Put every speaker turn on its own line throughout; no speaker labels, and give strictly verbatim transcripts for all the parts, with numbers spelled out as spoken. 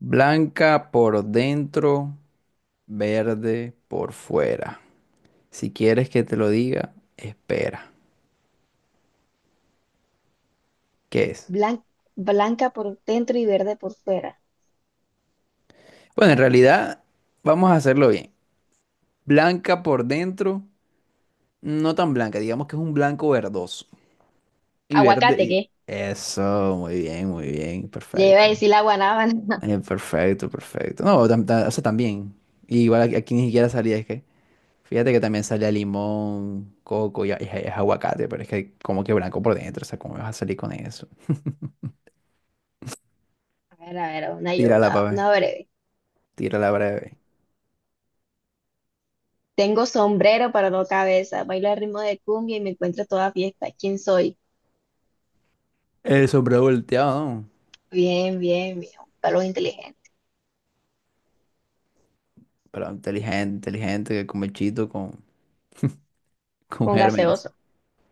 Blanca por dentro, verde por fuera. Si quieres que te lo diga, espera. ¿Qué es?
Blan- Blanca por dentro y verde por fuera.
Bueno, en realidad vamos a hacerlo bien. Blanca por dentro, no tan blanca, digamos que es un blanco verdoso. Y verde
Aguacate,
y...
¿qué?
Eso, muy bien, muy bien,
Ya iba
perfecto.
a decir la guanábana.
Eh, perfecto, perfecto. No, tam- ta- o sea, también. Igual aquí, aquí ni siquiera salía, es que... Fíjate que también sale a limón, coco y, a- y a- es aguacate, pero es que como que blanco por dentro, o sea, ¿cómo me vas a salir con eso?
A ver, a ver, una yo,
Tírala,
una,
papi,
una breve.
tírala breve.
Tengo sombrero para no cabeza, bailo al ritmo de cumbia y me encuentro toda fiesta. ¿Quién soy?
El sombrero volteado, ¿no?
Bien, bien, bien. Un palo inteligente.
Pero inteligente, inteligente, que come chito con, con
Un
gérmenes,
gaseoso.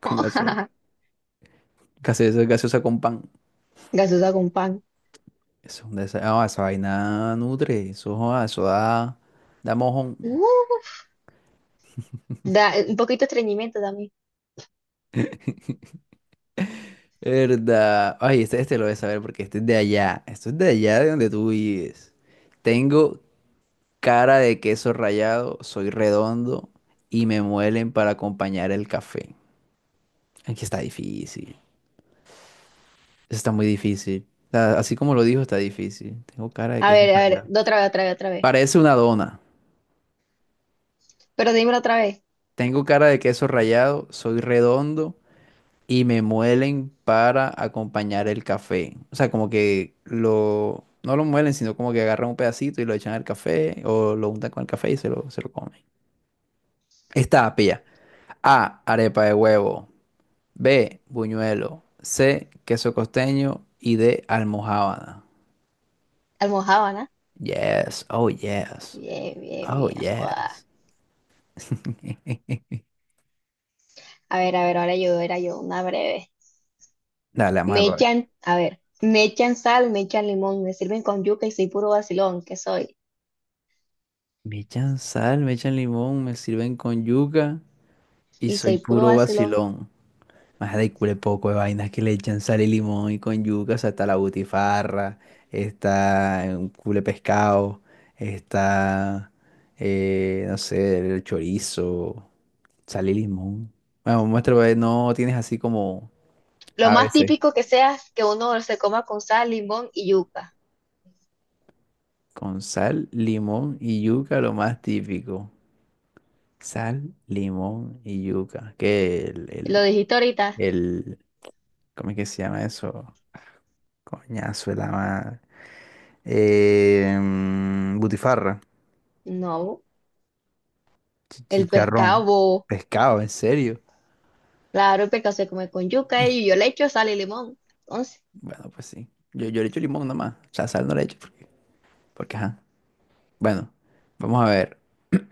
con gaseosa. Gaseosa, gaseosa con pan.
Gaseosa con pan.
Eso es un desa- ah, esa vaina nutre, eso, joda, eso da, da
Uh,
mojón.
Da un poquito de estreñimiento también.
¿Verdad? Ay, este, este lo debes saber porque este es de allá. Esto es de allá de donde tú vives. Tengo cara de queso rallado, soy redondo y me muelen para acompañar el café. Aquí está difícil. Está muy difícil. O sea, así como lo dijo, está difícil. Tengo cara de
A
queso
ver, a ver,
rallado.
otra vez, otra vez, otra vez.
Parece una dona.
Pero dímelo otra vez.
Tengo cara de queso rallado, soy redondo y me muelen para acompañar el café. O sea, como que lo... No lo muelen, sino como que agarran un pedacito y lo echan al café o lo untan con el café y se lo, se lo comen. Esta, pilla. A, arepa de huevo. B, buñuelo. C, queso costeño. Y D, almojábana.
Almojábana.
Yes, oh yes,
Bien, bien,
oh
bien. Joda.
yes.
A ver, a ver, ahora yo, era yo, una breve.
Dale, vamos a
Me
ver.
echan, a ver, me echan sal, me echan limón, me sirven con yuca y soy puro vacilón, que soy?
Me echan sal, me echan limón, me sirven con yuca y
Y
soy
soy puro
puro
vacilón.
vacilón. Más de cule poco de vainas que le echan sal y limón y con yuca, o sea, está la butifarra, está un cule pescado, está, eh, no sé, el chorizo, sal y limón. Bueno, muestra, pues, no tienes así como
Lo
a
más
veces.
típico que sea es que uno se coma con sal, limón y yuca.
Con sal, limón y yuca, lo más típico. Sal, limón y yuca. Que el,
¿Lo
el,
dijiste ahorita?
el, ¿cómo es que se llama eso? Coñazo, el ama. Eh, mm, butifarra,
No,
chi-
el pescado,
chicharrón,
bo.
pescado, ¿en serio?
Claro, el pescado se come con yuca y yo le echo sal y limón. Entonces,
Bueno, pues sí. Yo, yo le echo limón nomás. O sea, sal no le echo porque, porque ajá. Bueno, vamos a ver.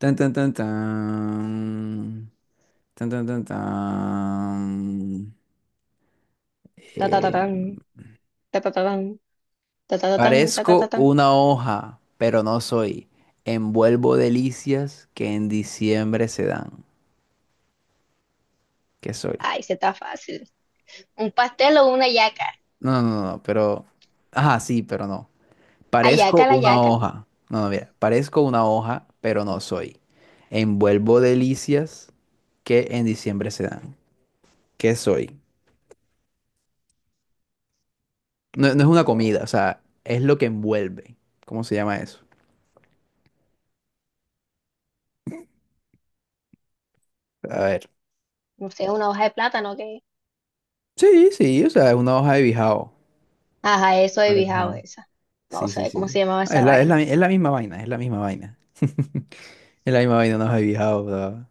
Tan, tan, tan, tan. Tan, tan, tan, tan.
ta ta ta
Eh,
tan, ta ta ta tan, ta ta ta tan, ta ta ta
parezco
tan.
una hoja, pero no soy. Envuelvo delicias que en diciembre se dan. ¿Qué soy?
Ay, se está fácil. Un pastel o una yaca.
No, no, no, no, pero... Ajá, sí, pero no. Parezco
¿Ayaca la
una
yaca?
hoja. No, no, mira. Parezco una hoja, pero no soy. Envuelvo delicias que en diciembre se dan. ¿Qué soy? No, no es una comida, o
O
sea, es lo que envuelve. ¿Cómo se llama eso? A ver.
no sé, una hoja de plátano, ¿qué?
Sí, sí, o sea, es una hoja de bijao.
Ajá, eso he bijao
Marejao.
esa. No
Sí, sí,
sé cómo se
sí.
llamaba
Ah,
esa
es la, es
vaina.
la, es la misma vaina, es la misma vaina. Es la misma vaina, una hoja de bijao, o sea,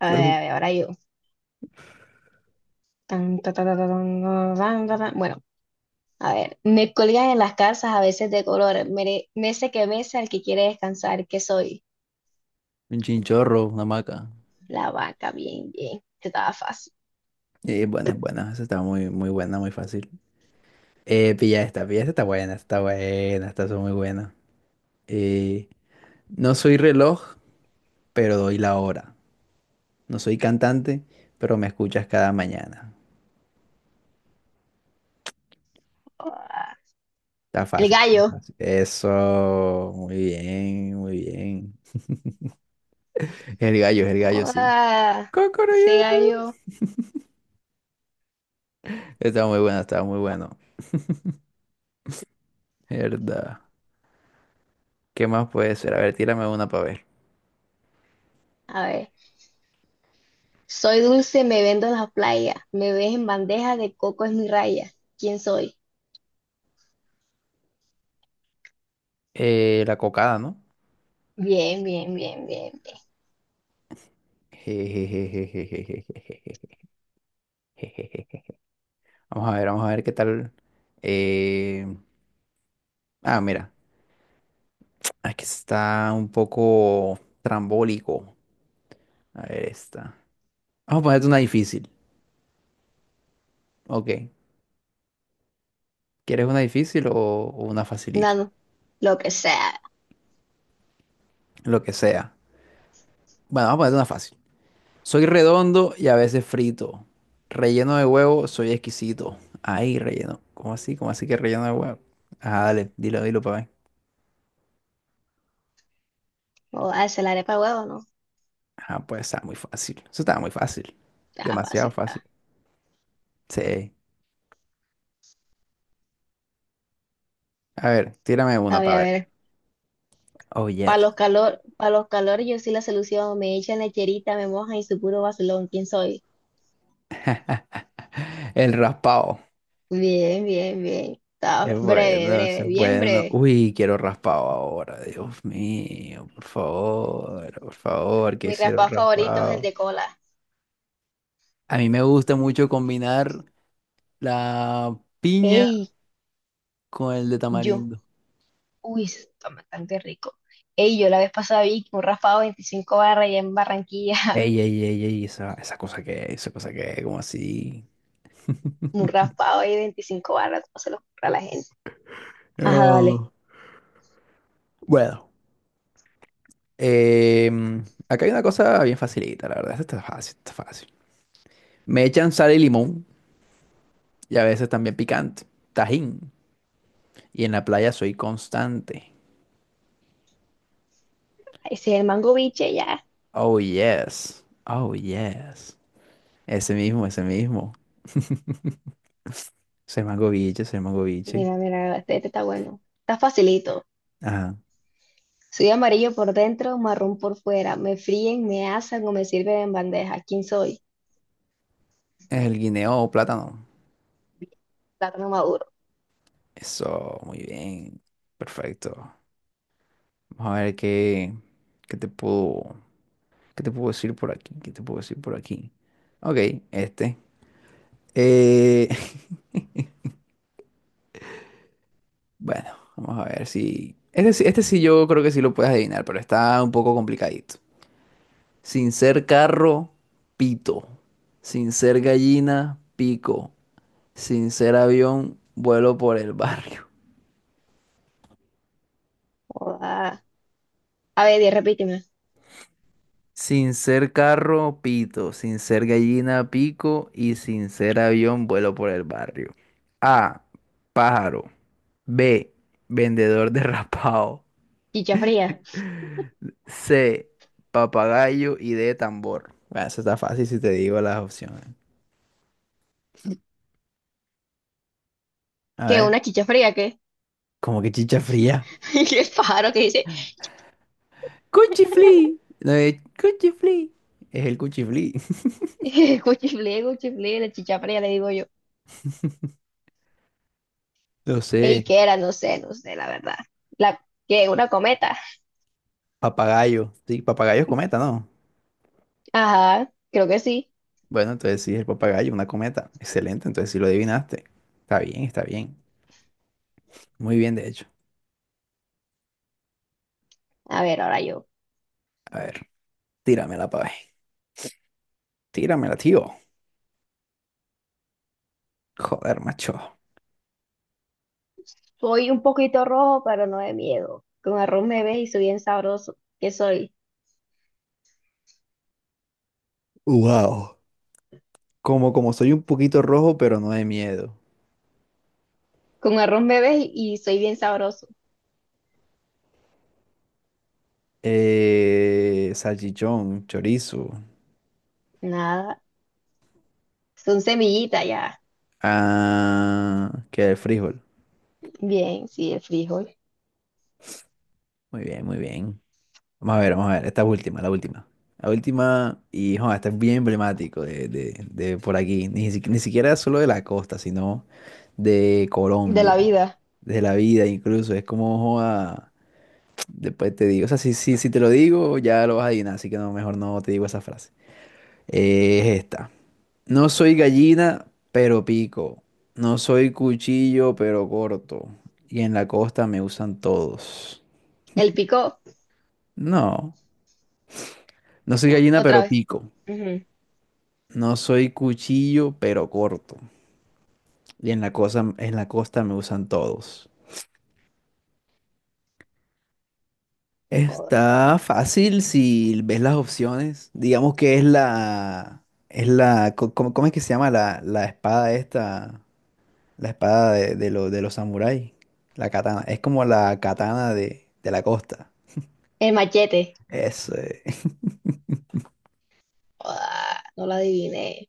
A ver,
pero
a ver, ahora yo. Tan, ta, ta, ta, ta, tan, ta, tan, ta, tan. Bueno, a ver. Me colgan en las calzas a veces de color. Mere- Mece que mece al que quiere descansar. ¿Qué soy?
un chinchorro, una maca.
La vaca, bien, bien. Este estaba fácil.
Y es buena, es buena. Esa está muy, muy buena, muy fácil. Eh, pilla esta, pilla esta está buena, está buena, está muy buena. Eh, no soy reloj, pero doy la hora. No soy cantante, pero me escuchas cada mañana.
Ah.
Está
El
fácil, está
gallo.
fácil. Eso, muy bien, muy bien. Es el gallo, es el gallo, sí.
Ah,
Cocoroyo.
ese gallo.
Está muy bueno, está muy bueno. Verdad. ¿Qué más puede ser? A ver, tírame una para ver.
A ver. Soy dulce, me vendo en la playa. Me ves en bandeja, de coco es mi raya. ¿Quién soy?
Eh, la cocada, ¿no?
Bien, bien, bien, bien, bien.
Jejejejejejejejeje. Vamos a ver, vamos a ver qué tal. eh, Ah, mira, aquí está un poco trambólico. A ver, esta. Vamos a ponerte una difícil. Ok. ¿Quieres una difícil o, o una facilita?
Nada, lo que sea.
Lo que sea. Bueno, vamos a ponerte una fácil. Soy redondo y a veces frito. Relleno de huevo, soy exquisito. Ay, relleno. ¿Cómo así? ¿Cómo así que relleno de huevo? Ah, dale, dilo, dilo para ver.
O hacer la arepa de huevo, ¿no?
Ah, pues está muy fácil. Eso estaba muy fácil.
Ya,
Demasiado
fácil,
fácil.
ya.
Sí. A ver, tírame
A
una
ver,
para
a
ver.
ver.
Oh,
Para
yes.
los calor, para los calor, yo soy la solución. Me echan lecherita, me mojan y su puro vacilón. ¿Quién soy?
El raspado.
Bien, bien, bien. Está
Es
breve,
bueno, eso
breve,
es
bien
bueno.
breve.
Uy, quiero raspado ahora, Dios mío, por favor, por favor, que
Mi
hicieron
raspado favorito es el
raspado.
de cola.
A mí me gusta mucho combinar la piña
Ey,
con el de
yo.
tamarindo.
Uy, eso está bastante rico. Ey, yo la vez pasada vi que un raspado de veinticinco barras allá en Barranquilla.
Ey, ey, ey, ey, esa, esa cosa que es, esa cosa que es, como así.
Un raspado ahí de veinticinco barras. No se lo compra a la gente. Ajá, dale.
No. Bueno, em, acá hay una cosa bien facilita, la verdad, esta está fácil, está fácil. Me echan sal y limón, y a veces también picante, tajín, y en la playa soy constante.
Ese es el mango biche, ya.
Oh, yes. Oh, yes. Ese mismo, ese mismo. Es el mango biche, es el mango biche.
Mira, mira, este, este está bueno. Está facilito.
Ajá.
Soy amarillo por dentro, marrón por fuera. Me fríen, me asan o me sirven en bandeja. ¿Quién soy?
Es el guineo o plátano.
Plátano maduro.
Eso, muy bien. Perfecto. Vamos a ver qué, qué te puedo, qué te puedo decir por aquí, qué te puedo decir por aquí. Ok, este. Eh, bueno, vamos a ver si... Este, sí- este sí yo creo que sí lo puedes adivinar, pero está un poco complicadito. Sin ser carro, pito. Sin ser gallina, pico. Sin ser avión, vuelo por el barrio.
Joda. A ver, di, repíteme.
Sin ser carro, pito. Sin ser gallina, pico. Y sin ser avión, vuelo por el barrio. A. Pájaro. B. Vendedor derrapado.
Chicha fría.
C. Papagayo. Y D. Tambor. Bueno, eso está fácil si te digo las opciones. A
¿Qué?
ver,
¿Una chicha fría? ¿Qué?
como que chicha fría.
¿Qué pájaro que dice?
Cuchiflí. No, es cuchiflí. Es el cuchiflí.
Cuchiflé, cuchiflé, la chicha fría, le digo yo.
No
Ey,
sé.
¿qué era? No sé, no sé, la verdad. La, ¿qué? ¿Una cometa?
Papagayo. Sí, papagayo es cometa, ¿no?
Ajá, creo que sí.
Bueno, entonces sí, es el papagayo, una cometa. Excelente, entonces sí lo adivinaste. Está bien, está bien. Muy bien, de hecho.
A ver, ahora yo.
A ver, tíramela, pa' ver. Tíramela, tío. Joder, macho.
Soy un poquito rojo, pero no de miedo. Con arroz me ves y soy bien sabroso. ¿Qué soy?
Wow. Como, como soy un poquito rojo, pero no de miedo.
Con arroz bebé y y soy bien sabroso.
Eh, salchichón, chorizo.
Nada, son semillitas ya.
Ah, que el frijol.
Bien, sí, el frijol.
Muy bien, muy bien. Vamos a ver, vamos a ver. Esta es última, la última. La última, y joder, este es bien emblemático de, de- de por aquí. Ni, si- ni siquiera solo de la costa, sino de
De la
Colombia,
vida.
de la vida incluso. Es como, joda, después te digo. O sea, si, si, si te lo digo, ya lo vas a adivinar, así que no, mejor no te digo esa frase. Eh, es esta. No soy gallina, pero pico. No soy cuchillo, pero corto. Y en la costa me usan todos.
El pico,
No, no soy gallina,
otra
pero
vez.
pico.
Ujú.
No soy cuchillo, pero corto. Y en la cosa, en la costa me usan todos.
Joda.
Está fácil si ves las opciones. Digamos que es la, es la, co- ¿cómo, cómo es que se llama la, la espada esta? La espada de, de, lo- de los samuráis. La katana. Es como la katana de, de la costa.
El machete.
Eso.
Joda, no lo adiviné.